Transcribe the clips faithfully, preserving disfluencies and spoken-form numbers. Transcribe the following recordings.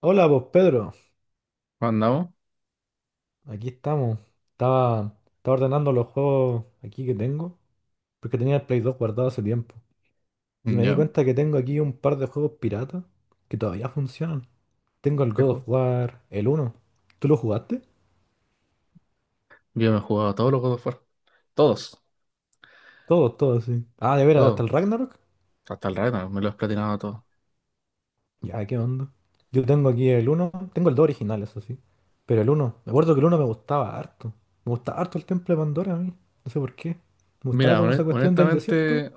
Hola, pues Pedro, Juan, ¿andamos? aquí estamos. Estaba, estaba ordenando los juegos aquí que tengo, porque tenía el Play dos guardado hace tiempo. Y Mm, me di ¿ya? cuenta que tengo aquí un par de juegos piratas que todavía funcionan. Tengo el ¿Qué God juego? of War, el uno. ¿Tú lo jugaste? Yo me he jugado todos los God of War. Todos, Todos, todos, sí. Ah, de veras, hasta el todos. Ragnarok. Hasta el rato, me lo he platinado todo. Ya, qué onda. Yo tengo aquí el uno, tengo el dos original, eso sí. Pero el uno, me acuerdo que el uno me gustaba harto. Me gustaba harto el Templo de Pandora a mí. No sé por qué. Me gustaba Mira, como hone- esa cuestión del desierto. honestamente,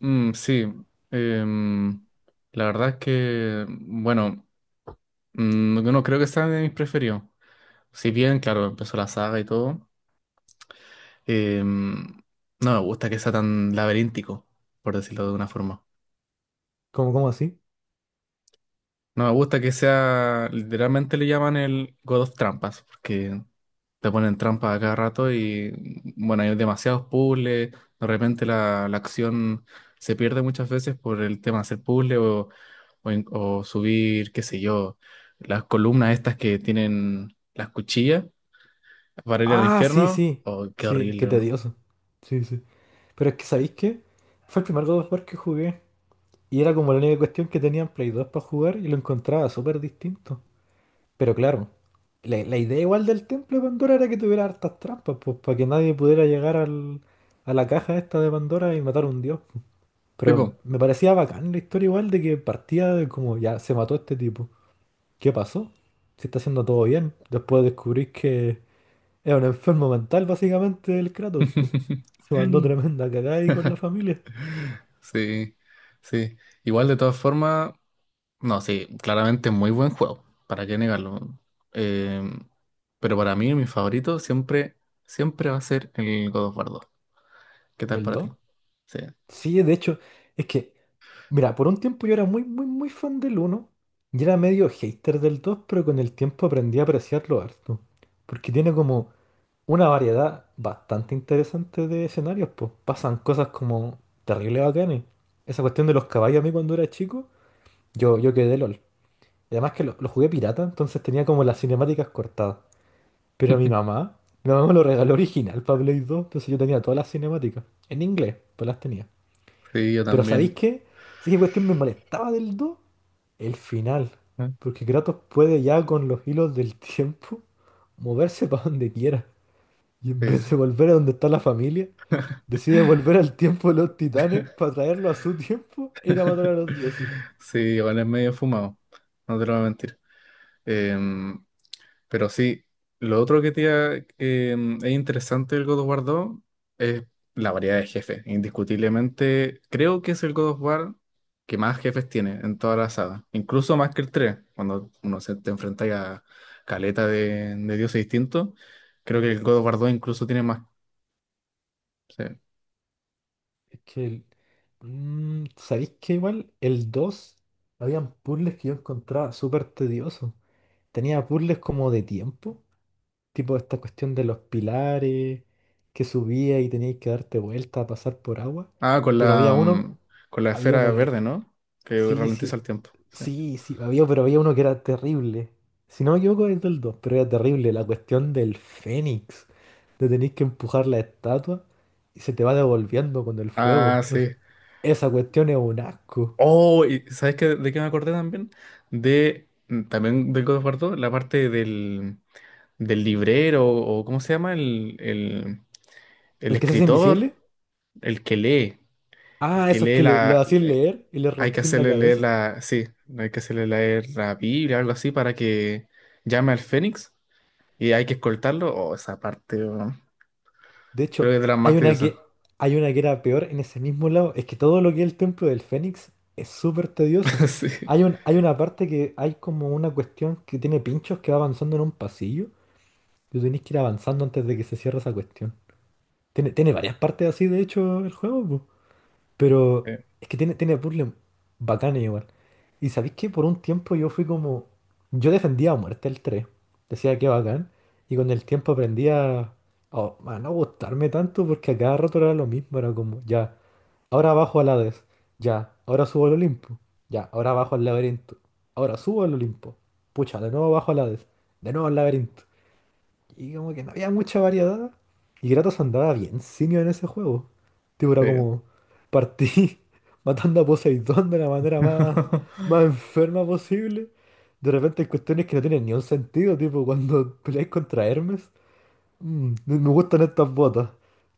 mm, sí. Em, la verdad es que, bueno, mm, no creo que sea de mis preferidos. Si bien, claro, empezó la saga y todo, em, no me gusta que sea tan laberíntico, por decirlo de una forma. Como, como así. No me gusta que sea, literalmente le llaman el God of Trampas, porque te ponen trampas a cada rato y bueno, hay demasiados puzzles, de repente la, la acción se pierde muchas veces por el tema de hacer puzzles o, o, en- o subir, qué sé yo, las columnas estas que tienen las cuchillas para ir al Ah, sí, infierno. sí. Oh, qué Sí, horrible, qué ¿no? tedioso. Sí, sí. Pero es que, ¿sabéis qué? Fue el primer God of War que jugué. Y era como la única cuestión que tenía en Play dos para jugar y lo encontraba súper distinto. Pero claro, la, la idea igual del Templo de Pandora era que tuviera hartas trampas, pues para que nadie pudiera llegar al, a la caja esta de Pandora y matar a un dios. Pero Tipo. me parecía bacán la historia igual de que partía de como ya se mató este tipo. ¿Qué pasó? Se está haciendo todo bien. Después descubrís que es un enfermo mental, básicamente, el Kratos, po. Se mandó tremenda cagada ahí con la familia. Sí, sí. Igual de todas formas, no, sí, claramente muy buen juego, ¿para qué negarlo? Eh, pero para mí, mi favorito siempre, siempre va a ser el God of War dos. ¿Qué tal ¿El para dos? ti? Sí, Sí, de hecho, es que, mira, por un tiempo yo era muy, muy, muy fan del uno y era medio hater del dos pero con el tiempo aprendí a apreciarlo harto. Porque tiene como una variedad bastante interesante de escenarios, pues pasan cosas como terribles bacanes. Esa cuestión de los caballos a mí cuando era chico, yo, yo quedé LOL. Y Además que lo, lo jugué pirata, entonces tenía como las cinemáticas cortadas. Pero mi mamá, mi mamá me lo regaló original para Play dos, entonces yo tenía todas las cinemáticas, en inglés, pues las tenía. sí, yo Pero ¿sabéis también. qué? Sí que cuestión me molestaba del dos el final. ¿Eh? Porque Kratos puede ya con los hilos del tiempo moverse para donde quiera. Y en Sí, vez sí. de volver a donde está la familia, decide volver al tiempo de los titanes para traerlo a su tiempo e ir a matar a los dioses. Sí, igual es medio fumado, no te lo voy a mentir. Eh, Pero sí, lo otro que te iba- em, es interesante del God of War dos es la variedad de jefes. Indiscutiblemente, creo que es el God of War que más jefes tiene en toda la saga. Incluso más que el tres cuando uno se te enfrenta a caleta de, de dioses distintos. Creo que el God of War dos incluso tiene más. Sí. Es que el- Mm, ¿sabéis qué? Igual el dos habían puzzles que yo encontraba súper tediosos. Tenía puzzles como de tiempo, tipo esta cuestión de los pilares que subía y tenías que darte vuelta a pasar por agua. Ah, con Pero había la, uno, mm, con la había uno esfera que. verde, ¿no? Que Sí, ralentiza el sí, tiempo. Sí. sí, sí, había, pero había uno que era terrible. Si no me equivoco, es del dos pero era terrible. La cuestión del Fénix, de tenéis que empujar la estatua y se te va devolviendo con el Ah, fuego. No sé, sí. esa cuestión es un asco. Oh, y ¿sabes qué, de qué me acordé también? De, mm, también del God of War dos, la parte del, del librero, o ¿cómo se llama? El, el, el ¿El que se hace escritor, invisible? el que lee, el Ah, que esos lee que le, lo la... hacían le- leer y le hay que rompí la hacerle leer cabeza. la... Sí, hay que hacerle leer la Biblia, algo así, para que llame al Fénix, y hay que escoltarlo. Oh, esa parte, oh, De creo hecho, que es de las más hay una tediosas. que, hay una que era peor en ese mismo lado. Es que todo lo que es el templo del Fénix es súper tedioso. Sí. Hay un, hay una parte que hay como una cuestión que tiene pinchos que va avanzando en un pasillo. Tú tenés que ir avanzando antes de que se cierre esa cuestión. Tiene, tiene varias partes así, de hecho, el juego, po. Pero eh, es que tiene, tiene puzzles bacanes igual. Y sabéis que por un tiempo yo fui como. Yo defendía a muerte el tres decía que bacán. Y con el tiempo aprendí a, a- a no gustarme tanto porque a cada rato era lo mismo. Era como, ya, ahora bajo al Hades. Ya, ahora subo al Olimpo. Ya, ahora bajo al laberinto. Ahora subo al Olimpo. Pucha, de nuevo bajo al Hades. De nuevo al laberinto. Y como que no había mucha variedad. Y Kratos andaba bien simio en ese juego. Tipo, era sí. como partí matando a Poseidón de la manera más, más enferma posible. De repente hay cuestiones que no tienen ni un sentido, tipo cuando peleáis contra Hermes. "Mm, me me gustan estas botas.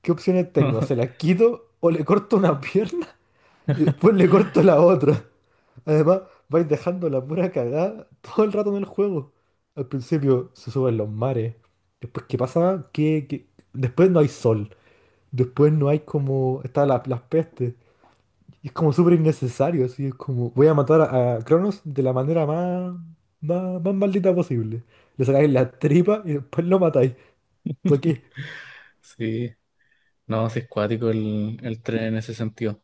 ¿Qué opciones tengo? ¿Se las quito o le corto una pierna y después le corto la otra? Además, vais dejando la pura cagada todo el rato en el juego. Al principio se suben los mares. Después, ¿qué pasa? Que, que- Después no hay sol. Después no hay como... Está la, las pestes. Y es como súper innecesario. Así es como... Voy a matar a, a, Cronos de la manera más, más... Más maldita posible. Le sacáis la tripa y después lo matáis. ¿Por qué? Sí. No, sí es cuático el, el tren en ese sentido.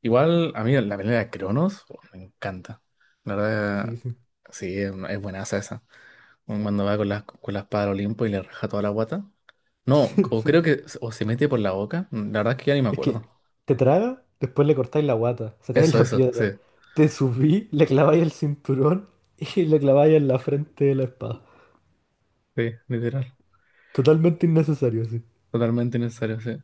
Igual, a mí la pelea de Cronos, oh, me encanta. La Sí, verdad, sí. sí, es, es buenaza esa. Cuando va con la, con la espada al Olimpo y le raja toda la guata. No, o Sí. creo que, o se mete por la boca. Mm, la verdad es que ya ni me Es acuerdo. que te traga, después le cortáis la guata, sacáis Eso, la eso, sí. piedra, te subí, le claváis el cinturón y le claváis en la frente de la espada. Sí, literal. Totalmente innecesario, sí. Totalmente necesario, sí.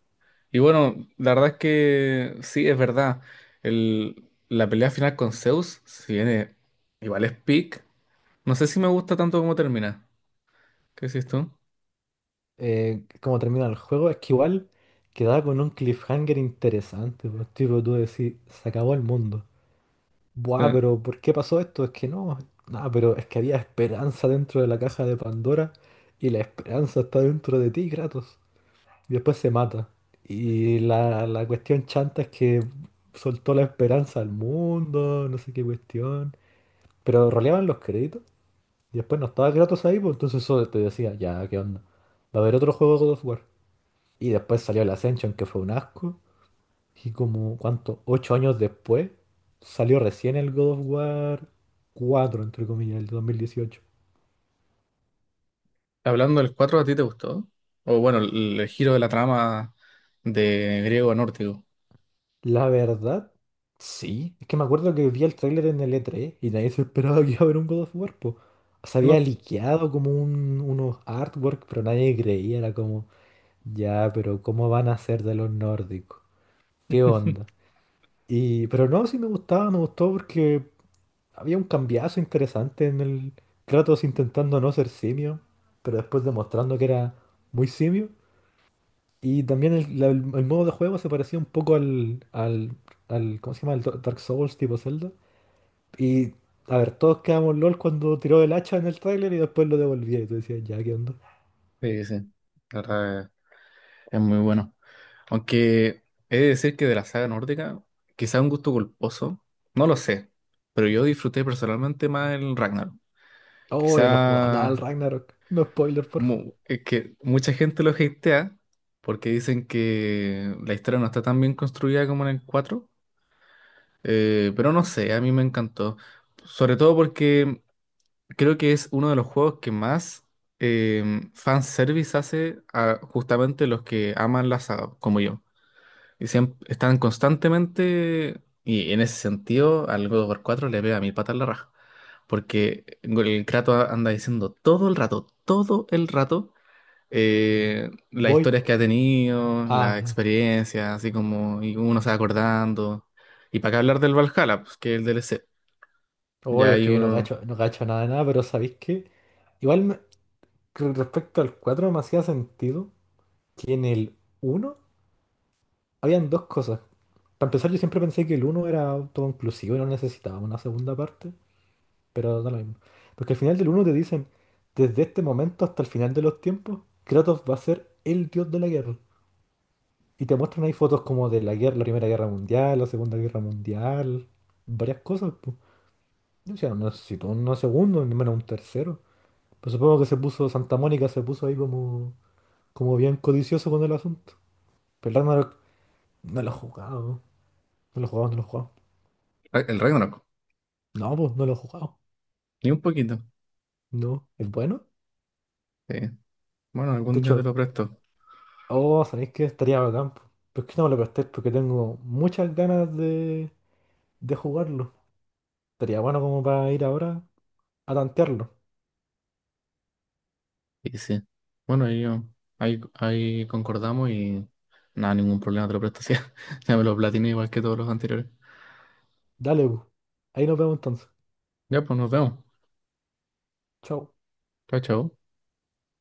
Y bueno, la verdad es que sí, es verdad. El, la pelea final con Zeus, si viene, igual es peak. No sé si me gusta tanto como termina. ¿Qué decís tú? Eh, como termina el juego, es que igual quedaba con un cliffhanger interesante, pues, tipo tú decís, se acabó el mundo. Buah, Eh, pero ¿por qué pasó esto? Es que no, nada, pero es que había esperanza dentro de la caja de Pandora y la esperanza está dentro de ti, Kratos. Y después se mata. Y la, la cuestión chanta es que soltó la esperanza al mundo, no sé qué cuestión. Pero roleaban los créditos y después no estaba Kratos ahí, pues entonces eso te decía, ya, ¿qué onda? Va a haber otro juego de God of War. Y después salió el Ascension, que fue un asco. Y como, ¿cuánto? Ocho años después salió recién el God of War cuatro entre comillas, el dos mil dieciocho. Hablando del cuatro, ¿a ti te gustó? O bueno, el, el giro de la trama de griego a nórdico. La verdad, sí. Es que me acuerdo que vi el tráiler en el E tres y nadie se esperaba que iba a haber un God of War, po. Se No, había liqueado como un- unos artwork, pero nadie creía. Era como, ya, pero ¿cómo van a hacer de los nórdicos? ¿Qué onda? Y, pero no, sí me gustaba, me gustó porque había un cambiazo interesante en el Kratos intentando no ser simio, pero después demostrando que era muy simio. Y también el, la- el modo de juego se parecía un poco al, al, al- ¿cómo se llama? El Do- Dark Souls tipo Zelda. Y, a ver, todos quedamos LOL cuando tiró el hacha en el tráiler y después lo devolvía. Y tú decías, ya, ¿qué onda? sí, sí. La verdad es es muy bueno. Aunque he de decir que de la saga nórdica, quizá un gusto culposo, no lo sé, pero yo disfruté personalmente más el Ragnarok. Oh, yo no jugaba nada Quizá al Ragnarok. No spoiler, porfa. mu- es que mucha gente lo hatea porque dicen que la historia no está tan bien construida como en el cuatro. eh, pero no sé, a mí me encantó. Sobre todo porque creo que es uno de los juegos que más fan fanservice hace a justamente los que aman la saga, como yo. Y siem- están constantemente, y en ese sentido, al God of War cuatro le pega mil patas en la raja. Porque el Kratos anda diciendo todo el rato, todo el rato, eh, las Voy. historias que ha tenido, las Ah, experiencias, así como, y uno se va acordando. Y para qué hablar del Valhalla, pues que es el D L C. oh, Ya es hay que yo no uno. gacho, no gacho nada de nada, pero ¿sabéis qué? Igual me- con respecto al cuatro me hacía sentido que en el uno habían dos cosas. Para empezar, yo siempre pensé que el uno era autoconclusivo y no necesitaba una segunda parte. Pero da lo mismo. Porque al final del uno te dicen, desde este momento hasta el final de los tiempos, Kratos va a ser el dios de la guerra. Y te muestran ahí fotos como de la guerra, la Primera Guerra Mundial, la Segunda Guerra Mundial, varias cosas, pues. O sea no necesito un segundo, ni menos un tercero. Pero supongo que se puso, Santa Mónica se puso ahí como, como bien codicioso con el asunto. Pero Ragnarok no lo he jugado, no lo he jugado, no lo he jugado. El Ragnarok, No, pues no lo he jugado. ni un poquito. No, es bueno. Sí. Bueno, De algún día te hecho, lo presto. oh, ¿sabéis qué? Estaría bacán, po. Pero es que no me lo prestéis porque tengo muchas ganas de, de, jugarlo. Estaría bueno como para ir ahora a tantearlo. Y sí. Bueno, ahí, yo- ahí, ahí concordamos y nada, ningún problema, te lo presto. Sí, ya me lo platiné igual que todos los anteriores. Dale, po. Ahí nos vemos entonces. Ya, pues nos vemos. Chao. Chao, chao.